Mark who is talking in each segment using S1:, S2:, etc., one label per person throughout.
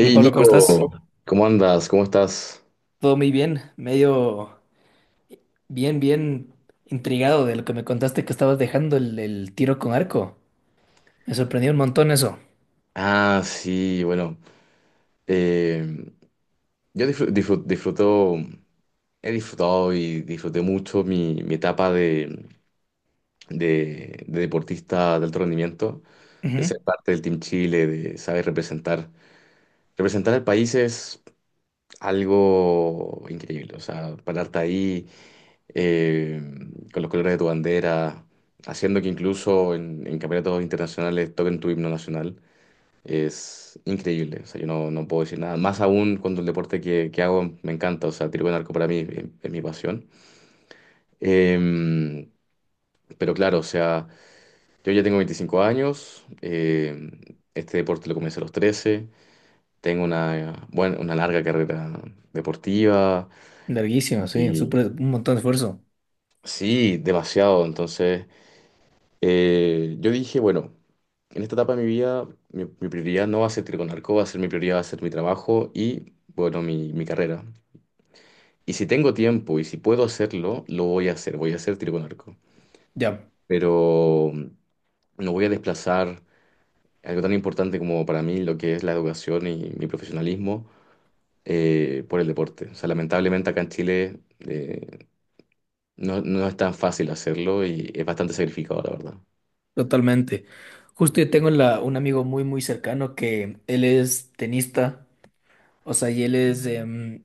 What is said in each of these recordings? S1: Hola Pablo, ¿cómo
S2: Nico,
S1: estás?
S2: ¿cómo andas? ¿Cómo estás?
S1: Todo muy bien, medio bien, bien intrigado de lo que me contaste que estabas dejando el tiro con arco. Me sorprendió un montón eso.
S2: Ah, sí, bueno. eh, yo disfruto, he disfrutado y disfruté mucho mi etapa de deportista de alto rendimiento, de ser
S1: Ujú.
S2: parte del Team Chile, de saber representar. Representar al país es algo increíble, o sea, pararte ahí. eh, con los colores de tu bandera, haciendo que incluso en campeonatos internacionales toquen tu himno nacional. Es increíble, o sea, yo no puedo decir nada. Más aún cuando el deporte que hago me encanta, o sea, tiro con arco para mí es mi pasión. Eh, pero claro, o sea, yo ya tengo 25 años, este deporte lo comencé a los 13. Tengo una, bueno, una larga carrera deportiva
S1: Larguísimo, sí,
S2: y
S1: súper, un montón de esfuerzo.
S2: sí, demasiado, entonces... Yo dije, bueno, en esta etapa de mi vida, mi prioridad no va a ser tiro con arco va a ser mi prioridad, va a ser mi trabajo y, bueno, mi carrera. Y si tengo tiempo y si puedo hacerlo, lo voy a hacer tiro con arco.
S1: Ya,
S2: Pero no voy a desplazar algo tan importante como para mí lo que es la educación y mi profesionalismo por el deporte. O sea, lamentablemente acá en Chile no es tan fácil hacerlo y es bastante sacrificado, la verdad.
S1: totalmente. Justo yo tengo un amigo muy, muy cercano que él es tenista, o sea, y él es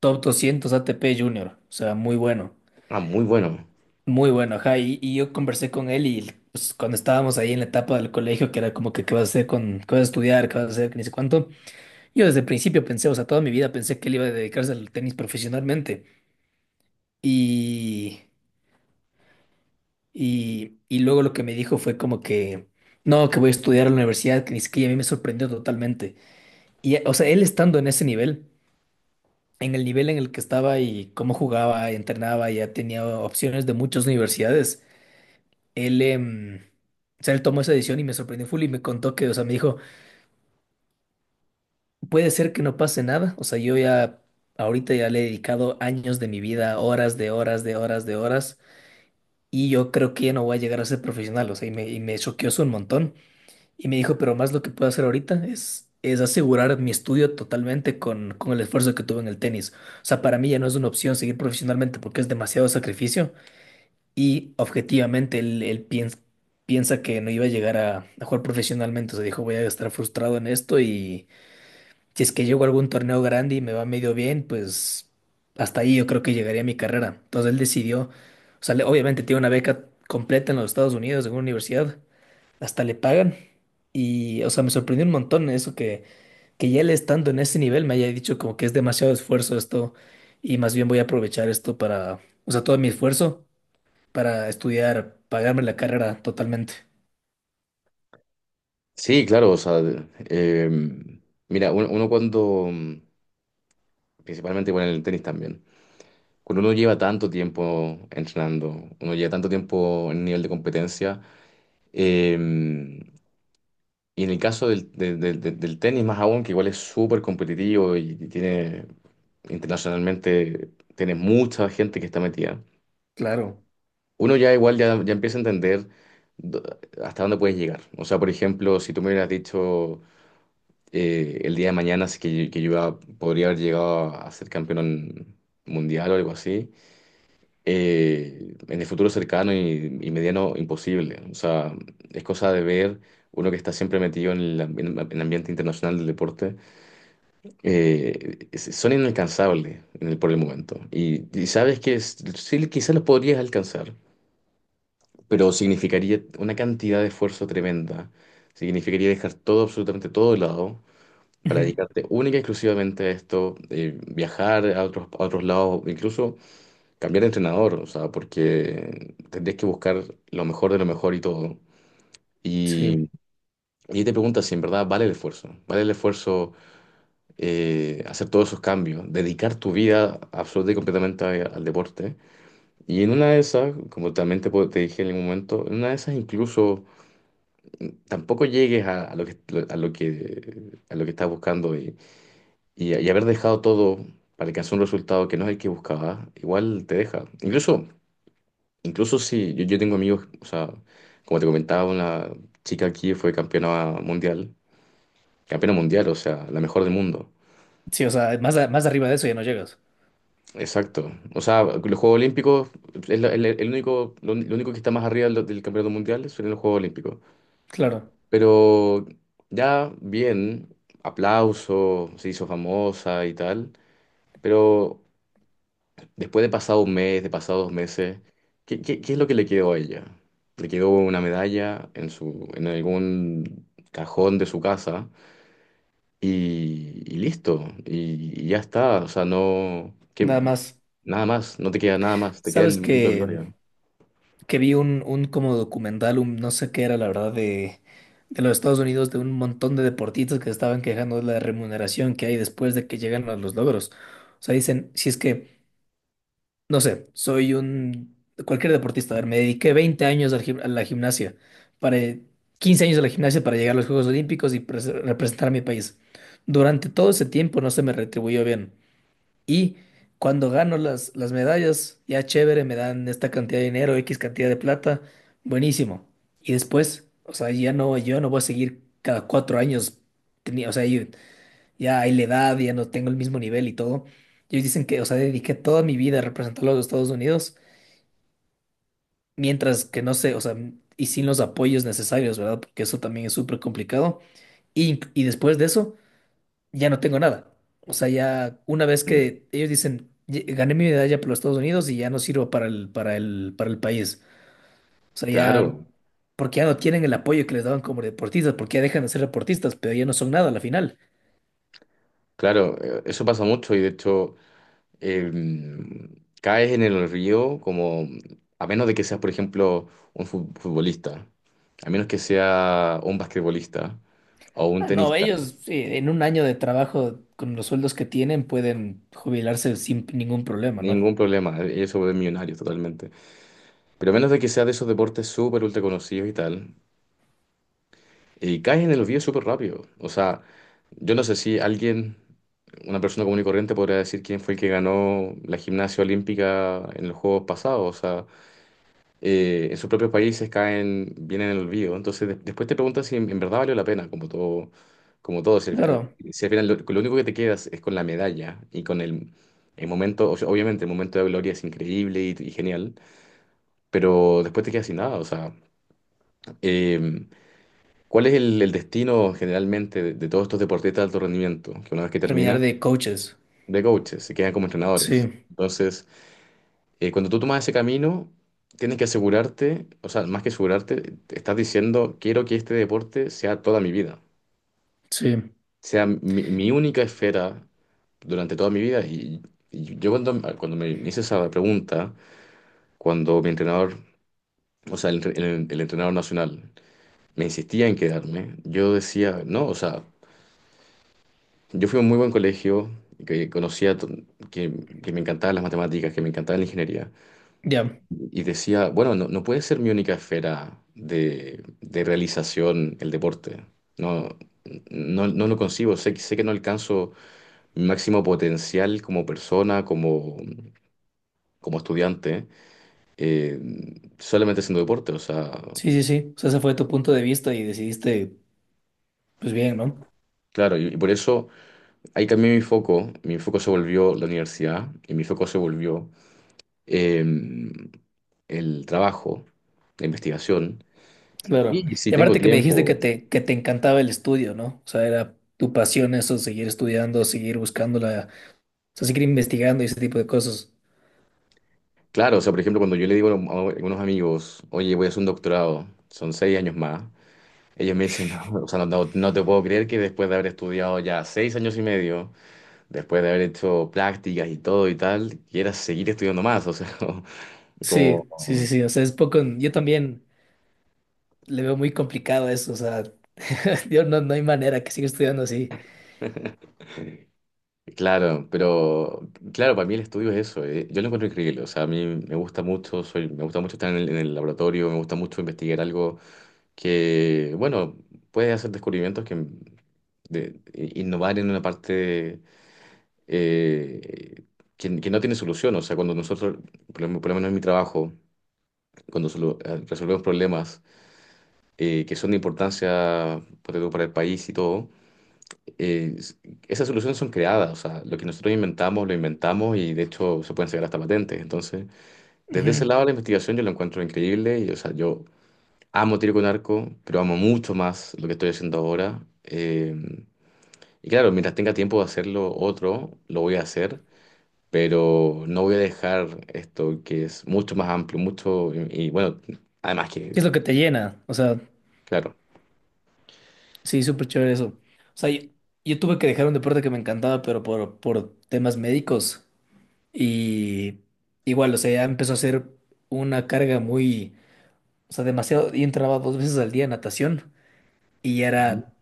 S1: top 200 ATP Junior, o sea, muy bueno.
S2: Ah, muy bueno.
S1: Muy bueno, ajá, y yo conversé con él y pues, cuando estábamos ahí en la etapa del colegio, que era como que qué vas a hacer con, qué vas a estudiar, qué vas a hacer, que ni sé cuánto, yo desde el principio pensé, o sea, toda mi vida pensé que él iba a dedicarse al tenis profesionalmente y, y luego lo que me dijo fue como que, no, que voy a estudiar a la universidad, que ni siquiera a mí me sorprendió totalmente. Y, o sea, él estando en ese nivel en el que estaba y cómo jugaba, entrenaba, ya tenía opciones de muchas universidades. Él, o sea, él tomó esa decisión y me sorprendió full y me contó que, o sea, me dijo, puede ser que no pase nada, o sea, yo ya, ahorita ya le he dedicado años de mi vida, horas de horas de horas de horas, y yo creo que ya no voy a llegar a ser profesional, o sea, y me choqueó eso un montón, y me dijo, pero más lo que puedo hacer ahorita es asegurar mi estudio totalmente con el esfuerzo que tuve en el tenis, o sea, para mí ya no es una opción seguir profesionalmente porque es demasiado sacrificio. Y objetivamente él piensa que no iba a llegar a jugar profesionalmente. O sea, dijo, voy a estar frustrado en esto y si es que llego a algún torneo grande y me va medio bien, pues hasta ahí yo creo que llegaría a mi carrera. Entonces él decidió, o sea, obviamente tiene una beca completa en los Estados Unidos, en una universidad, hasta le pagan. Y, o sea, me sorprendió un montón eso que ya él estando en ese nivel me haya dicho como que es demasiado esfuerzo esto y más bien voy a aprovechar esto para, o sea, todo mi esfuerzo para estudiar, pagarme la carrera totalmente.
S2: Sí, claro, o sea, em, mira, uno cuando, principalmente con el tenis también, cuando uno lleva tanto tiempo entrenando, uno lleva tanto tiempo en nivel de competencia, em, y en el caso del, de- del tenis más aún, que igual es súper competitivo y tiene, internacionalmente, tiene mucha gente que está metida,
S1: Claro.
S2: uno ya igual ya empieza a entender do- hasta dónde puedes llegar. O sea, por ejemplo, si tú me hubieras dicho el día de mañana, así que podría haber llegado a, ser campeón mundial o algo así. En el futuro cercano y mediano, imposible. O sea, es cosa de ver uno que está siempre metido en en el ambiente internacional del deporte. Son inalcanzables por el momento. Y sabes que sí, quizás los podrías alcanzar, pero significaría una cantidad de esfuerzo tremenda. Significaría dejar todo, absolutamente todo de lado para
S1: Ujú.
S2: dedicarte única y exclusivamente a esto, viajar a otros lados, incluso cambiar de entrenador, o sea, porque tendrías que buscar lo mejor de lo mejor y todo.
S1: Sí.
S2: Y, y te preguntas si en verdad vale el esfuerzo hacer todos esos cambios, dedicar tu vida absoluta y completamente al deporte. Y en una de esas, como también te dije en algún momento, en una de esas incluso tampoco llegues a lo que, a lo que, a lo que, estás buscando. Y haber dejado todo para alcanzar un resultado que no es el que buscaba, igual te deja. Incluso si yo tengo amigos, o sea, como te comentaba, una chica aquí fue campeona mundial, o sea, la mejor del mundo.
S1: Sí, o sea, más, más arriba de eso ya no llegas.
S2: Exacto. O sea, los Juegos Olímpicos es el único, lo único que está más arriba del campeonato mundial son los Juegos Olímpicos.
S1: Claro.
S2: Pero ya bien, aplauso, se hizo famosa y tal, pero después de pasado un mes, de pasado 2 meses, ¿qué es lo que le quedó a ella? Le quedó una medalla en algún cajón de su casa y listo. Y ya está. O sea, no, que,
S1: Nada más.
S2: nada más, no te queda nada más, te queda
S1: Sabes
S2: el momento de gloria.
S1: que vi un como documental, un no sé qué era, la verdad, de los Estados Unidos, de un montón de deportistas que estaban quejando de la remuneración que hay después de que llegan a los logros. O sea, dicen, si es que no sé, soy un cualquier deportista. A ver, me dediqué 20 años al a la gimnasia, para 15 años a la gimnasia para llegar a los Juegos Olímpicos y representar a mi país. Durante todo ese tiempo no se me retribuyó bien. Y cuando gano las medallas, ya chévere, me dan esta cantidad de dinero, X cantidad de plata, buenísimo. Y después, o sea, ya no, yo no voy a seguir cada 4 años, tenía, o sea, yo ya hay la edad, ya no tengo el mismo nivel y todo. Ellos dicen que, o sea, dediqué toda mi vida a representar a los Estados Unidos, mientras que no sé, o sea, y sin los apoyos necesarios, ¿verdad? Porque eso también es súper complicado. Y después de eso, ya no tengo nada. O sea, ya una vez
S2: Mm.
S1: que ellos dicen, gané mi medalla por los Estados Unidos y ya no sirvo para el país. O sea, ya,
S2: Claro,
S1: porque ya no tienen el apoyo que les daban como deportistas, porque ya dejan de ser deportistas, pero ya no son nada a la final.
S2: claro, eso pasa mucho y de hecho eh, caes en el río como, a menos de que seas, por ejemplo, un futbolista. A menos que sea un basquetbolista o un
S1: Ah, no,
S2: tenista,
S1: ellos en un año de trabajo con los sueldos que tienen pueden jubilarse sin ningún problema, ¿no?
S2: ningún problema. Ellos se vuelven millonarios totalmente. Pero a menos de que sea de esos deportes súper ultra conocidos y tal, y caes en el olvido súper rápido. O sea, yo no sé si alguien, una persona común y corriente, podría decir quién fue el que ganó la gimnasia olímpica en los Juegos pasados. O sea, en sus propios países caen, vienen en el olvido. Entonces, después te preguntas si en verdad valió la pena, como todo, como todo.
S1: Claro,
S2: Si al final lo único que te quedas es con la medalla y con el momento, o sea, obviamente el momento de gloria es increíble y genial, pero después te quedas sin nada. O sea, eh, ¿cuál es el destino generalmente de todos estos deportistas de alto rendimiento? Que una vez que terminan,
S1: terminar de coaches.
S2: de coaches, se quedan como entrenadores.
S1: Sí,
S2: Entonces, cuando tú tomas ese camino, tienes que asegurarte, o sea, más que asegurarte, te estás diciendo, quiero que este deporte sea toda mi vida,
S1: sí,
S2: sea mi, mi única esfera durante toda mi vida. Y yo cuando, cuando me hice esa pregunta, cuando mi entrenador, o sea, el entrenador nacional, me insistía en quedarme, yo decía, no, o sea, yo fui a un muy buen colegio, que conocía, que, que me encantaban las matemáticas, que me encantaba la ingeniería.
S1: ya.
S2: Y decía, bueno, no, no puede ser mi única esfera de realización el deporte. No, no, no lo concibo. Sé que no alcanzo mi máximo potencial como persona, como estudiante, eh, solamente haciendo deporte. O sea,
S1: Sí, sí, sí. O sea, ese fue tu punto de vista y decidiste, pues bien, ¿no?
S2: claro, y por eso ahí cambié mi foco. Mi foco se volvió la universidad y mi foco se volvió em, el trabajo, la investigación.
S1: Claro.
S2: Y si
S1: Y
S2: tengo
S1: aparte que me dijiste que
S2: tiempo.
S1: que te encantaba el estudio, ¿no? O sea, era tu pasión eso, seguir estudiando, seguir buscándola, o sea, seguir investigando y ese tipo de cosas.
S2: Claro, o sea, por ejemplo, cuando yo le digo a algunos amigos, oye, voy a hacer un doctorado, son 6 años más, ellos me dicen, no, o sea, no te puedo creer que después de haber estudiado ya 6 años y medio, después de haber hecho prácticas y todo y tal, quieras seguir estudiando más, o sea, como...
S1: Sí, sí, sí, sí. O sea, es poco. Yo también. Le veo muy complicado eso, o sea, yo no, no hay manera que siga estudiando así.
S2: Claro, pero claro, para mí el estudio es eso, yo lo encuentro increíble, o sea, a mí me gusta mucho, soy, me gusta mucho estar en el laboratorio, me gusta mucho investigar algo que, bueno, puede hacer descubrimientos que de innovar en una parte eh, que no tiene solución. O sea, cuando nosotros, por lo menos en mi trabajo, cuando resolvemos problemas que son de importancia ponte tú, para el país y todo, eh, s- esas soluciones son creadas. O sea, lo que nosotros inventamos, lo inventamos y de hecho se pueden sacar hasta patentes. Entonces, desde ese
S1: Ujú.
S2: lado la investigación yo lo encuentro increíble y, o sea, yo amo tiro con arco, pero amo mucho más lo que estoy haciendo ahora. Y claro, mientras tenga tiempo de hacerlo otro, lo voy a hacer, pero no voy a dejar esto que es mucho más amplio, mucho, y bueno, además
S1: ¿Qué es lo que te llena? O sea,
S2: claro.
S1: sí, súper chévere eso. O sea, yo tuve que dejar un deporte que me encantaba, pero por temas médicos. Y igual, o sea, ya empezó a ser una carga muy, o sea, demasiado. Yo entraba dos veces al día en natación y ya
S2: Ujú.
S1: era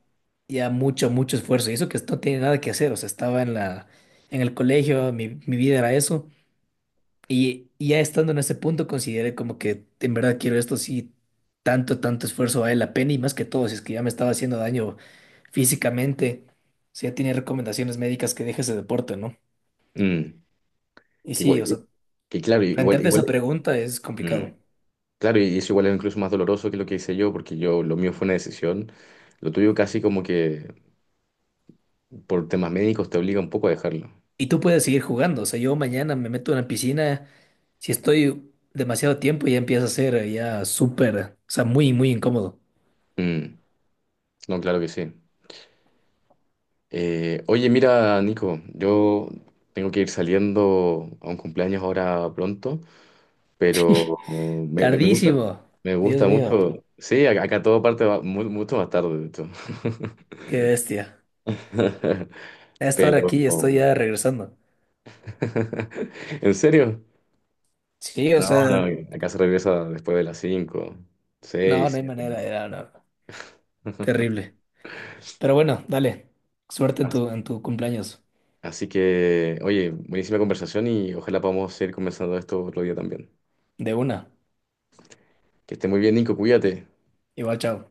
S1: ya mucho, mucho esfuerzo. Y eso que no tiene nada que hacer, o sea, estaba en el colegio, mi vida era eso. Y ya estando en ese punto, consideré como que en verdad quiero esto, sí, tanto, tanto esfuerzo vale la pena y más que todo, si es que ya me estaba haciendo daño físicamente, si ya tiene recomendaciones médicas que deje ese deporte, ¿no?
S2: mm,
S1: Y
S2: que
S1: sí,
S2: igual,
S1: o sea,
S2: que claro, igual,
S1: plantearte
S2: igual,
S1: esa pregunta es complicado.
S2: mm, claro, y eso igual es incluso más doloroso que lo que hice yo, porque lo mío fue una decisión, lo tuyo casi como que por temas médicos te obliga un poco a dejarlo.
S1: Y tú puedes seguir jugando, o sea, yo mañana me meto en la piscina, si estoy demasiado tiempo ya empieza a ser ya súper, o sea, muy, muy incómodo.
S2: Mm, no, claro que sí. Oye, mira, Nico, yo tengo que ir saliendo a un cumpleaños ahora pronto. Pero me gusta,
S1: Tardísimo.
S2: me
S1: Dios
S2: gusta
S1: mío,
S2: mucho. Sí, acá todo parte mucho más tarde, de hecho.
S1: qué bestia. A esta hora
S2: Pero,
S1: aquí estoy ya regresando.
S2: ¿en serio?
S1: Sí, o
S2: No,
S1: sea,
S2: no, acá se regresa después de las 5
S1: no,
S2: 6
S1: no hay
S2: 7.
S1: manera, era no, terrible. Pero bueno, dale, suerte en
S2: Así
S1: en tu cumpleaños.
S2: que, oye, buenísima conversación y ojalá podamos seguir conversando de esto otro día también.
S1: De una.
S2: Que esté muy bien, Nico, cuídate.
S1: Igual, chao.